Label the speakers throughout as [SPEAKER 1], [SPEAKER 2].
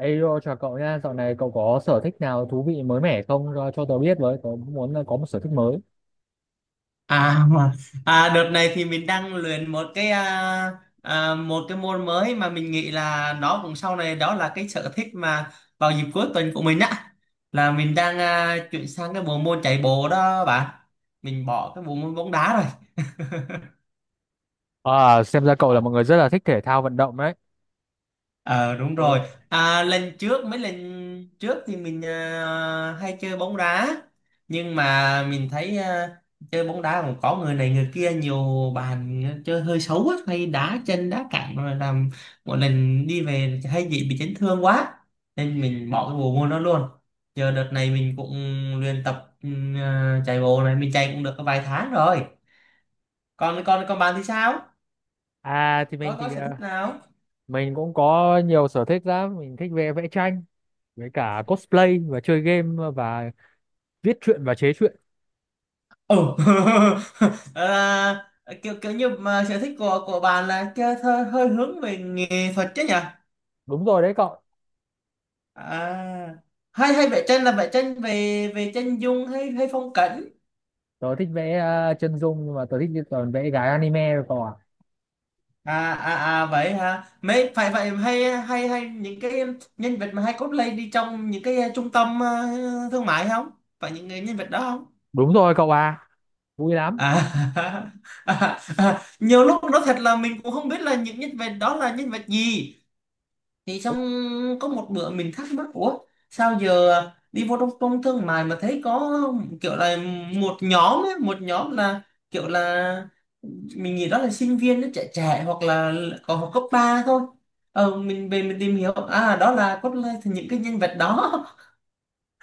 [SPEAKER 1] Ê, yo, chào cậu nha, dạo này cậu có sở thích nào thú vị mới mẻ không cho tớ biết với, tớ cũng muốn là có một sở thích mới.
[SPEAKER 2] À, à, đợt này thì mình đang luyện một cái một cái môn mới mà mình nghĩ là nó cũng sau này đó là cái sở thích mà vào dịp cuối tuần của mình á, là mình đang chuyển sang cái bộ môn chạy bộ đó bạn. Mình bỏ cái bộ môn bóng đá rồi.
[SPEAKER 1] À, xem ra cậu là một người rất là thích thể thao vận động đấy.
[SPEAKER 2] Ờ, đúng
[SPEAKER 1] Ờ.
[SPEAKER 2] rồi. À, lần trước mấy lần trước thì mình hay chơi bóng đá, nhưng mà mình thấy chơi bóng đá cũng có người này người kia, nhiều bàn chơi hơi xấu á, hay đá chân đá cẳng rồi làm một lần đi về hay bị chấn thương quá nên mình bỏ cái bộ môn đó luôn. Giờ đợt này mình cũng luyện tập chạy bộ này, mình chạy cũng được có vài tháng rồi. Còn còn còn bạn thì sao?
[SPEAKER 1] À thì mình
[SPEAKER 2] Có
[SPEAKER 1] thì
[SPEAKER 2] sở thích
[SPEAKER 1] à,
[SPEAKER 2] nào?
[SPEAKER 1] Mình cũng có nhiều sở thích lắm, mình thích vẽ vẽ tranh với cả cosplay và chơi game và viết truyện và chế truyện.
[SPEAKER 2] Ồ. à, kiểu kiểu như mà sở thích của bạn là chơi hơi hướng về nghệ thuật chứ nhỉ?
[SPEAKER 1] Đúng rồi đấy cậu.
[SPEAKER 2] À, hay hay vẽ tranh là vẽ tranh về về chân dung hay hay phong cảnh?
[SPEAKER 1] Tớ thích vẽ chân dung nhưng mà tớ thích toàn vẽ gái anime rồi cậu ạ.
[SPEAKER 2] À, vậy hả? Mấy phải vậy, hay hay hay những cái nhân vật mà hay cosplay đi trong những cái trung tâm thương mại không? Phải những người nhân vật đó không?
[SPEAKER 1] Đúng rồi cậu à, vui lắm.
[SPEAKER 2] À. Nhiều lúc nó thật là mình cũng không biết là những nhân vật đó là nhân vật gì, thì xong có một bữa mình thắc mắc, ủa sao giờ đi vô trong trung thương mại mà thấy có kiểu là một nhóm ấy, một nhóm là kiểu là mình nghĩ đó là sinh viên nó trẻ trẻ hoặc là còn học cấp 3 thôi. Mình về mình tìm hiểu đó là thì những cái nhân vật đó.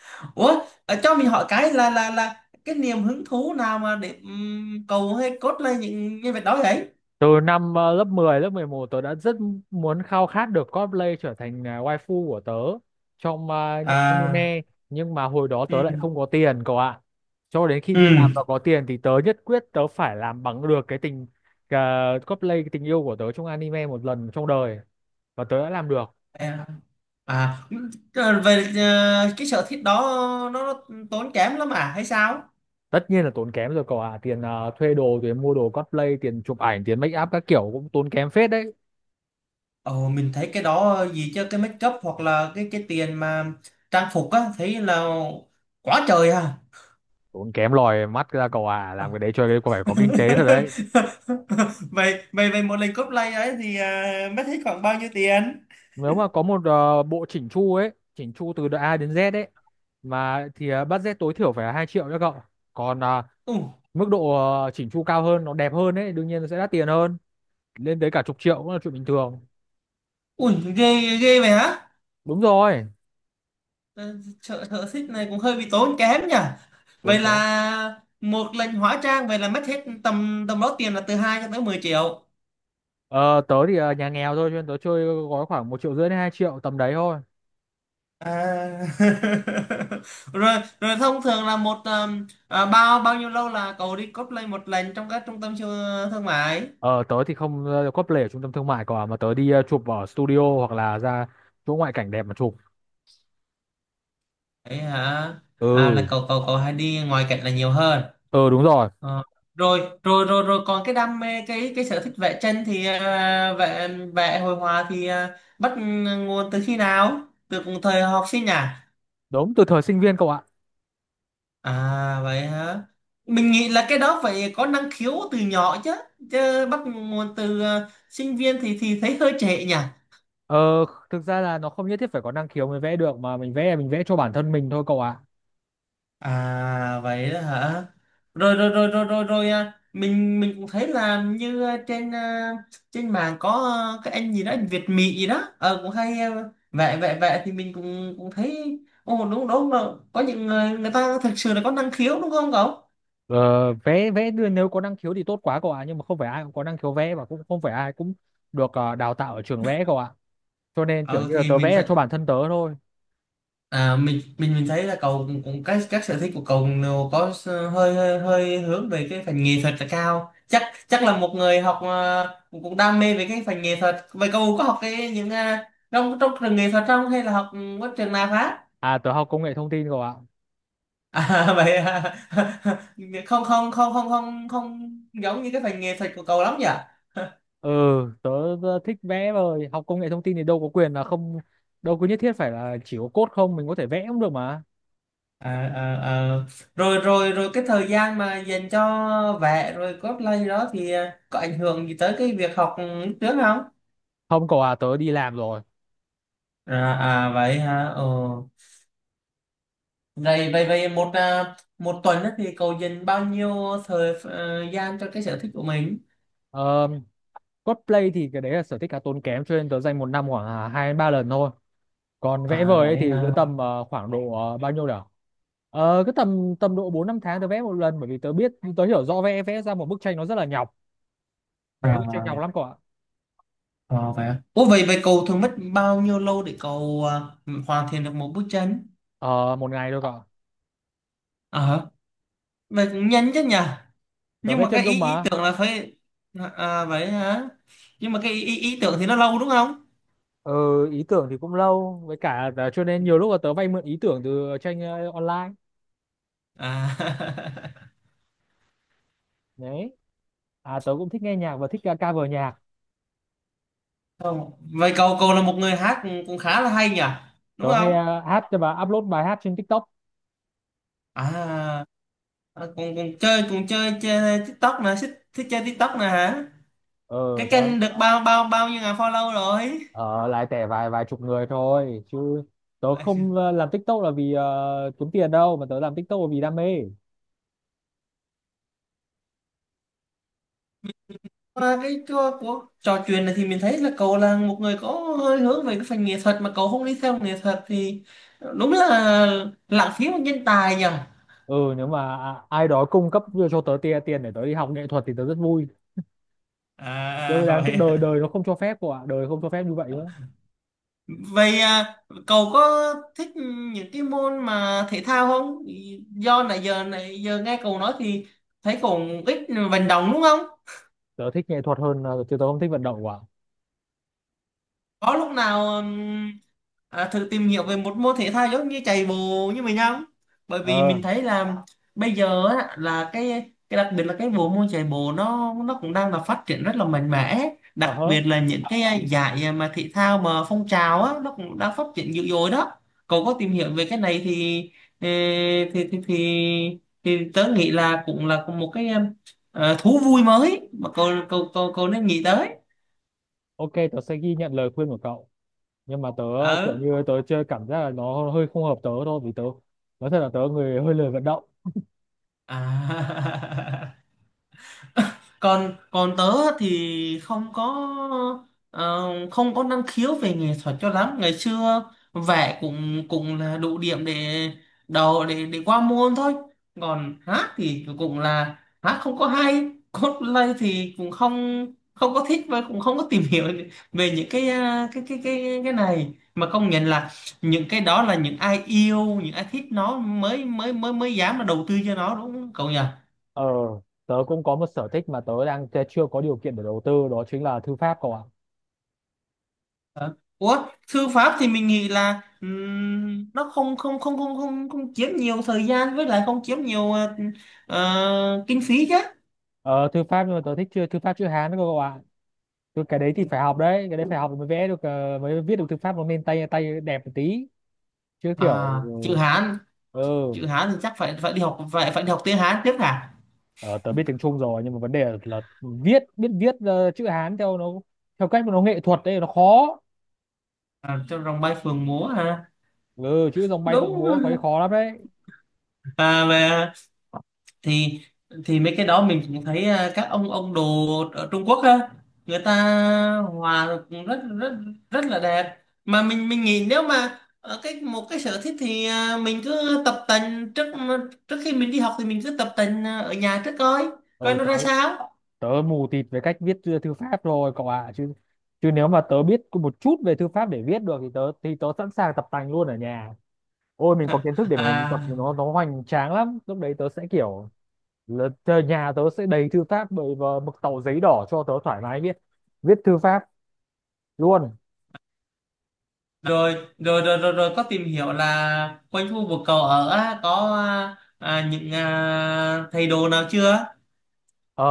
[SPEAKER 2] Ủa, cho mình hỏi cái là cái niềm hứng thú nào mà để cầu hay cốt lên những nhân vật đó vậy?
[SPEAKER 1] Từ năm lớp 10, lớp 11 tớ đã rất muốn khao khát được cosplay trở thành waifu của tớ trong những
[SPEAKER 2] À.
[SPEAKER 1] anime nhưng mà hồi đó
[SPEAKER 2] Ừ.
[SPEAKER 1] tớ lại không có tiền cậu ạ. Cho đến khi
[SPEAKER 2] Ừ.
[SPEAKER 1] đi làm và có tiền thì tớ nhất quyết tớ phải làm bằng được cái tình ờ, cosplay cái tình yêu của tớ trong anime một lần trong đời và tớ đã làm được.
[SPEAKER 2] À, à, trời, về cái sở thích đó nó, tốn kém lắm à hay sao?
[SPEAKER 1] Tất nhiên là tốn kém rồi cậu ạ, tiền thuê đồ, tiền mua đồ cosplay, tiền chụp ảnh, tiền make up các kiểu cũng tốn kém phết đấy.
[SPEAKER 2] Ồ, mình thấy cái đó gì chứ cái make up hoặc là cái tiền mà trang phục á thấy là quá trời à.
[SPEAKER 1] Tốn kém lòi mắt ra cậu ạ, làm cái đấy cho cái phải có kinh tế thật đấy.
[SPEAKER 2] Vậy vậy vậy một lần cosplay ấy thì mất hết khoảng bao nhiêu tiền?
[SPEAKER 1] Nếu mà có một bộ chỉnh chu ấy chỉnh chu từ đợt A đến Z ấy mà thì budget tối thiểu phải là 2 triệu cho cậu, còn
[SPEAKER 2] Ui,
[SPEAKER 1] mức độ chỉnh chu cao hơn nó đẹp hơn ấy đương nhiên nó sẽ đắt tiền hơn, lên tới cả chục triệu cũng là chuyện bình thường.
[SPEAKER 2] ui, ghê ghê vậy hả?
[SPEAKER 1] Đúng rồi.
[SPEAKER 2] Ờ, Sở sở thích này cũng hơi bị tốn kém nhỉ.
[SPEAKER 1] Tốn
[SPEAKER 2] Vậy
[SPEAKER 1] kém.
[SPEAKER 2] là một lần hóa trang vậy là mất hết tầm tầm đó, tiền là từ 2 cho tới 10 triệu.
[SPEAKER 1] Ờ, Tớ thì nhà nghèo thôi cho nên tớ chơi gói khoảng một triệu rưỡi đến hai triệu tầm đấy thôi.
[SPEAKER 2] À. rồi rồi Thông thường là một bao bao nhiêu lâu là cậu đi cosplay một lần trong các trung tâm siêu thương mại?
[SPEAKER 1] Ờ, Tớ thì không cosplay ở trung tâm thương mại cả mà tớ đi chụp ở studio hoặc là ra chỗ ngoại cảnh đẹp mà chụp.
[SPEAKER 2] Ấy hả? Là
[SPEAKER 1] Ừ.
[SPEAKER 2] cậu cậu cậu hay đi ngoài cảnh là nhiều hơn?
[SPEAKER 1] Ừ đúng rồi.
[SPEAKER 2] Ờ. rồi rồi rồi rồi Còn cái đam mê, cái sở thích vẽ tranh thì vẽ vẽ hội họa thì bắt nguồn từ khi nào, từ thời học sinh nhỉ?
[SPEAKER 1] Đúng từ thời sinh viên cậu ạ.
[SPEAKER 2] À vậy hả? Mình nghĩ là cái đó phải có năng khiếu từ nhỏ chứ. Chứ bắt nguồn từ sinh viên thì thấy hơi trễ nhỉ.
[SPEAKER 1] Ờ, thực ra là nó không nhất thiết phải có năng khiếu mới vẽ được mà mình vẽ là mình vẽ cho bản thân mình thôi cậu ạ.
[SPEAKER 2] À vậy đó hả? Rồi rồi rồi rồi rồi rồi à. Mình cũng thấy là như trên trên mạng có cái anh gì đó, anh Việt Mỹ gì đó. Ờ, cũng hay vẽ vẽ vẽ thì mình cũng cũng thấy, ồ, đúng đúng là có những người người ta thực sự là có năng khiếu đúng không cậu?
[SPEAKER 1] Ờ, vẽ vẽ đưa- nếu có năng khiếu thì tốt quá cậu ạ, nhưng mà không phải ai cũng có năng khiếu vẽ và cũng không phải ai cũng được đào tạo ở trường vẽ cậu ạ. Cho nên kiểu
[SPEAKER 2] Ờ
[SPEAKER 1] như là
[SPEAKER 2] thì
[SPEAKER 1] tớ
[SPEAKER 2] mình
[SPEAKER 1] vẽ là
[SPEAKER 2] sẽ.
[SPEAKER 1] cho bản thân tớ thôi.
[SPEAKER 2] À, mình thấy là cậu cũng, cũng các sở thích của cậu đều có hơi hơi hơi hướng về cái phần nghệ thuật là cao, chắc chắc là một người học ờ, cũng, cũng đam mê về cái phần nghệ thuật. Vậy cậu có học cái những trong trong trường nghệ thuật không hay là học bất trường nào khác?
[SPEAKER 1] À tớ học công nghệ thông tin cậu ạ.
[SPEAKER 2] À. Vậy à. Không, không, không, không, không, không giống như cái phần nghệ thuật của cậu lắm nhỉ.
[SPEAKER 1] Ừ, tớ, Tớ thích vẽ rồi, học công nghệ thông tin thì đâu có quyền là không đâu có nhất thiết phải là chỉ có code không, mình có thể vẽ cũng được mà.
[SPEAKER 2] À, à, à. Rồi rồi rồi Cái thời gian mà dành cho vẽ rồi cosplay đó thì có ảnh hưởng gì tới cái việc học lúc trước không?
[SPEAKER 1] Không cậu ạ, tớ đi làm rồi.
[SPEAKER 2] À, vậy hả? Ờ. Vậy vậy vậy một một tuần á thì cậu dành bao nhiêu thời gian cho cái sở thích của mình?
[SPEAKER 1] Ờ, cosplay thì cái đấy là sở thích khá tốn kém cho nên tớ dành một năm khoảng hai đến ba lần thôi, còn vẽ
[SPEAKER 2] À
[SPEAKER 1] vời ấy
[SPEAKER 2] vậy
[SPEAKER 1] thì cứ
[SPEAKER 2] hả?
[SPEAKER 1] tầm khoảng độ bao nhiêu nhỉ. Cứ tầm tầm độ bốn năm tháng tớ vẽ một lần bởi vì tớ biết tớ hiểu rõ vẽ vẽ ra một bức tranh nó rất là nhọc, vẽ bức tranh
[SPEAKER 2] À,
[SPEAKER 1] nhọc lắm cậu ạ.
[SPEAKER 2] à, vậy hả? Ủa, vậy vậy cậu thường mất bao nhiêu lâu để cậu hoàn thiện được một bức tranh?
[SPEAKER 1] Ờ, Một ngày thôi cậu ạ.
[SPEAKER 2] À, vậy cũng nhanh chứ nhỉ?
[SPEAKER 1] Tớ
[SPEAKER 2] Nhưng
[SPEAKER 1] vẽ
[SPEAKER 2] mà
[SPEAKER 1] chân
[SPEAKER 2] cái
[SPEAKER 1] dung
[SPEAKER 2] ý ý
[SPEAKER 1] mà.
[SPEAKER 2] tưởng là phải. À vậy hả? Nhưng mà cái ý, ý ý tưởng thì nó lâu đúng không?
[SPEAKER 1] Ờ, ý tưởng thì cũng lâu với cả là cho nên nhiều lúc là tớ vay mượn ý tưởng từ tranh online
[SPEAKER 2] À.
[SPEAKER 1] đấy. À tớ cũng thích nghe nhạc và thích cover nhạc.
[SPEAKER 2] Không. Vậy cậu cậu là một người hát cũng cũng khá là hay nhỉ? Đúng
[SPEAKER 1] Tớ hay
[SPEAKER 2] không?
[SPEAKER 1] hát và upload bài hát trên TikTok.
[SPEAKER 2] À À, còn còn chơi, chơi TikTok nè, thích chơi TikTok nè hả?
[SPEAKER 1] Ờ
[SPEAKER 2] Cái
[SPEAKER 1] tớ
[SPEAKER 2] kênh được bao bao bao nhiêu ngàn follow rồi?
[SPEAKER 1] Ờ, lại tẻ vài vài chục người thôi chứ tớ không làm TikTok là vì kiếm tiền đâu mà tớ làm TikTok là vì đam mê.
[SPEAKER 2] Qua cái của trò chuyện này thì mình thấy là cậu là một người có hơi hướng về cái phần nghệ thuật mà cậu không đi theo nghệ thuật thì đúng là lãng phí một nhân tài nhỉ.
[SPEAKER 1] Ừ nếu mà ai đó cung cấp cho tớ tiền tiền để tớ đi học nghệ thuật thì tớ rất vui, nhưng
[SPEAKER 2] À
[SPEAKER 1] mà đáng
[SPEAKER 2] vậy
[SPEAKER 1] tiếc đời
[SPEAKER 2] à.
[SPEAKER 1] đời nó không cho phép của ạ, đời không cho phép như vậy nữa.
[SPEAKER 2] Vậy à, cậu có thích những cái môn mà thể thao không? Do nãy giờ nghe cậu nói thì thấy cậu ít vận động đúng không?
[SPEAKER 1] Tớ thích nghệ thuật hơn, chứ tớ không thích vận động quá.
[SPEAKER 2] Có lúc nào thử tìm hiểu về một môn thể thao giống như chạy bộ như mình không? Bởi vì
[SPEAKER 1] Ờ.
[SPEAKER 2] mình thấy là bây giờ á, là cái đặc biệt là cái bộ môn chạy bộ nó cũng đang là phát triển rất là mạnh mẽ,
[SPEAKER 1] Ờ
[SPEAKER 2] đặc
[SPEAKER 1] hớ.
[SPEAKER 2] biệt là những cái giải mà thể thao mà phong trào á, nó cũng đang phát triển dữ dội đó. Cậu có tìm hiểu về cái này thì ờ, thì thì thì, thì tớ nghĩ là cũng là một cái thú vui mới mà cậu cậu cậu cậu nên nghĩ tới.
[SPEAKER 1] OK tớ sẽ ghi nhận lời khuyên của cậu, nhưng mà tớ kiểu
[SPEAKER 2] Ở
[SPEAKER 1] như tớ chơi cảm giác là nó hơi không hợp tớ thôi vì tớ nói thật là tớ người hơi lười vận động.
[SPEAKER 2] à. còn còn tớ thì không có ờ, không có năng khiếu về nghệ thuật cho lắm. Ngày xưa vẽ cũng cũng là đủ điểm để đầu để qua môn thôi. Còn hát thì cũng là hát không có hay. Cosplay thì cũng không không có thích và cũng không có tìm hiểu về những cái cái này. Mà công nhận là những cái đó là những ai yêu, những ai thích nó mới mới mới mới dám là đầu tư cho nó, đúng không cậu nhỉ?
[SPEAKER 1] Ờ, tớ cũng có một sở thích mà tớ chưa có điều kiện để đầu tư đó chính là thư pháp cậu ạ.
[SPEAKER 2] Ờ. Ủa, thư pháp thì mình nghĩ là nó không không không không không không chiếm nhiều thời gian, với lại không chiếm nhiều kinh phí chứ.
[SPEAKER 1] Ờ, thư pháp nhưng mà tớ thích chưa thư pháp chữ Hán đó cậu ạ. Chứ cái đấy thì phải học đấy, cái đấy phải học mới vẽ được, mới viết được thư pháp nó nên tay tay đẹp một tí. Chứ
[SPEAKER 2] à,
[SPEAKER 1] kiểu ừ.
[SPEAKER 2] chữ Hán
[SPEAKER 1] Ừ.
[SPEAKER 2] chữ Hán thì chắc phải phải đi học phải phải đi học tiếng Hán trước hả?
[SPEAKER 1] Ờ, tớ biết tiếng Trung rồi nhưng mà vấn đề là biết viết chữ Hán theo cách mà nó nghệ thuật đấy nó khó.
[SPEAKER 2] Trong rồng bay phượng múa hả?
[SPEAKER 1] Ừ, chữ rồng bay phượng
[SPEAKER 2] Đúng.
[SPEAKER 1] múa khó khó lắm đấy.
[SPEAKER 2] Về thì thì mấy cái đó mình cũng thấy, các ông đồ ở Trung Quốc á, người ta hòa cũng rất rất rất là đẹp. Mà mình nghĩ nếu mà ở cái một cái sở thích thì mình cứ tập tành trước trước khi mình đi học. Thì mình cứ tập tành ở nhà trước coi coi
[SPEAKER 1] Ờ
[SPEAKER 2] nó
[SPEAKER 1] tớ,
[SPEAKER 2] ra sao.
[SPEAKER 1] tớ mù tịt về cách viết thư thư pháp rồi cậu ạ, chứ chứ nếu mà tớ biết có một chút về thư pháp để viết được thì tớ sẵn sàng tập tành luôn ở nhà. Ôi mình có kiến thức để mình tập
[SPEAKER 2] À,
[SPEAKER 1] thì nó hoành tráng lắm, lúc đấy tớ sẽ kiểu là nhà tớ sẽ đầy thư pháp bởi và mực tàu giấy đỏ cho tớ thoải mái viết viết thư pháp luôn.
[SPEAKER 2] rồi rồi rồi rồi, rồi có tìm hiểu là quanh khu vực cậu ở á, có những thầy đồ nào chưa?
[SPEAKER 1] Ờ,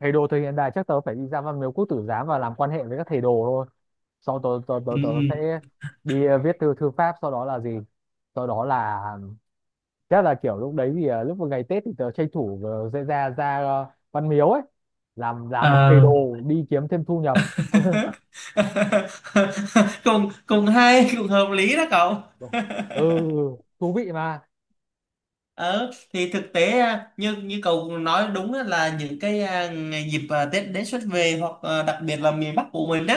[SPEAKER 1] thầy đồ thời hiện đại chắc tớ phải đi ra Văn Miếu Quốc Tử Giám và làm quan hệ với các thầy đồ thôi. Sau
[SPEAKER 2] Ừ.
[SPEAKER 1] tớ
[SPEAKER 2] Ừ.
[SPEAKER 1] sẽ đi viết thư thư pháp, sau đó là gì, sau đó là chắc là kiểu lúc đấy thì lúc vào ngày Tết thì tớ tranh thủ sẽ ra ra Văn Miếu ấy, làm một thầy
[SPEAKER 2] À.
[SPEAKER 1] đồ đi kiếm thêm thu nhập ừ.
[SPEAKER 2] cùng cùng hay, cùng hợp lý đó cậu.
[SPEAKER 1] Ừ, thú vị mà.
[SPEAKER 2] Ờ thì thực tế như như cậu nói đúng á, là những cái ngày dịp Tết đến xuân về, hoặc đặc biệt là miền Bắc của mình đó,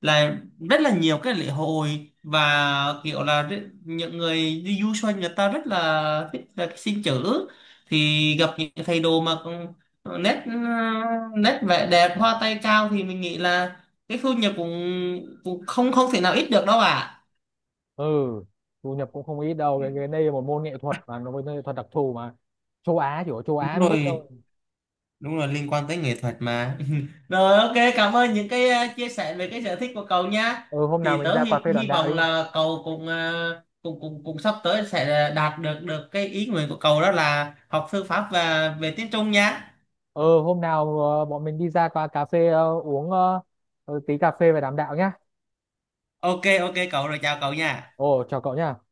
[SPEAKER 2] là rất là nhiều cái lễ hội và kiểu là những người đi du xuân, người ta rất là thích là cái xin chữ thì gặp những cái thầy đồ mà còn nét à, nét vẻ đẹp hoa tay cao thì mình nghĩ là cái thu nhập cũng cũng không không thể nào ít được đâu ạ.
[SPEAKER 1] Ừ thu nhập cũng không ít đâu, cái đây là một môn nghệ thuật mà nó một môn nghệ thuật đặc thù mà châu Á chỉ có châu Á mới
[SPEAKER 2] Đúng
[SPEAKER 1] thích thôi.
[SPEAKER 2] rồi, đúng rồi, liên quan tới nghệ thuật mà. Rồi, ok, cảm ơn những cái chia sẻ về cái sở thích của cậu nhá.
[SPEAKER 1] Ừ hôm nào
[SPEAKER 2] Thì
[SPEAKER 1] mình
[SPEAKER 2] tớ
[SPEAKER 1] ra cà phê đoàn
[SPEAKER 2] hy
[SPEAKER 1] đạo đi.
[SPEAKER 2] vọng là cậu cũng cũng sắp tới sẽ đạt được được cái ý nguyện của cậu đó là học thư pháp và về tiếng Trung nhá.
[SPEAKER 1] Ừ hôm nào bọn mình đi ra qua cà phê uống tí cà phê và đàm đạo nhá.
[SPEAKER 2] Ok Ok cậu rồi, chào cậu nha.
[SPEAKER 1] Ồ chào cậu nhá.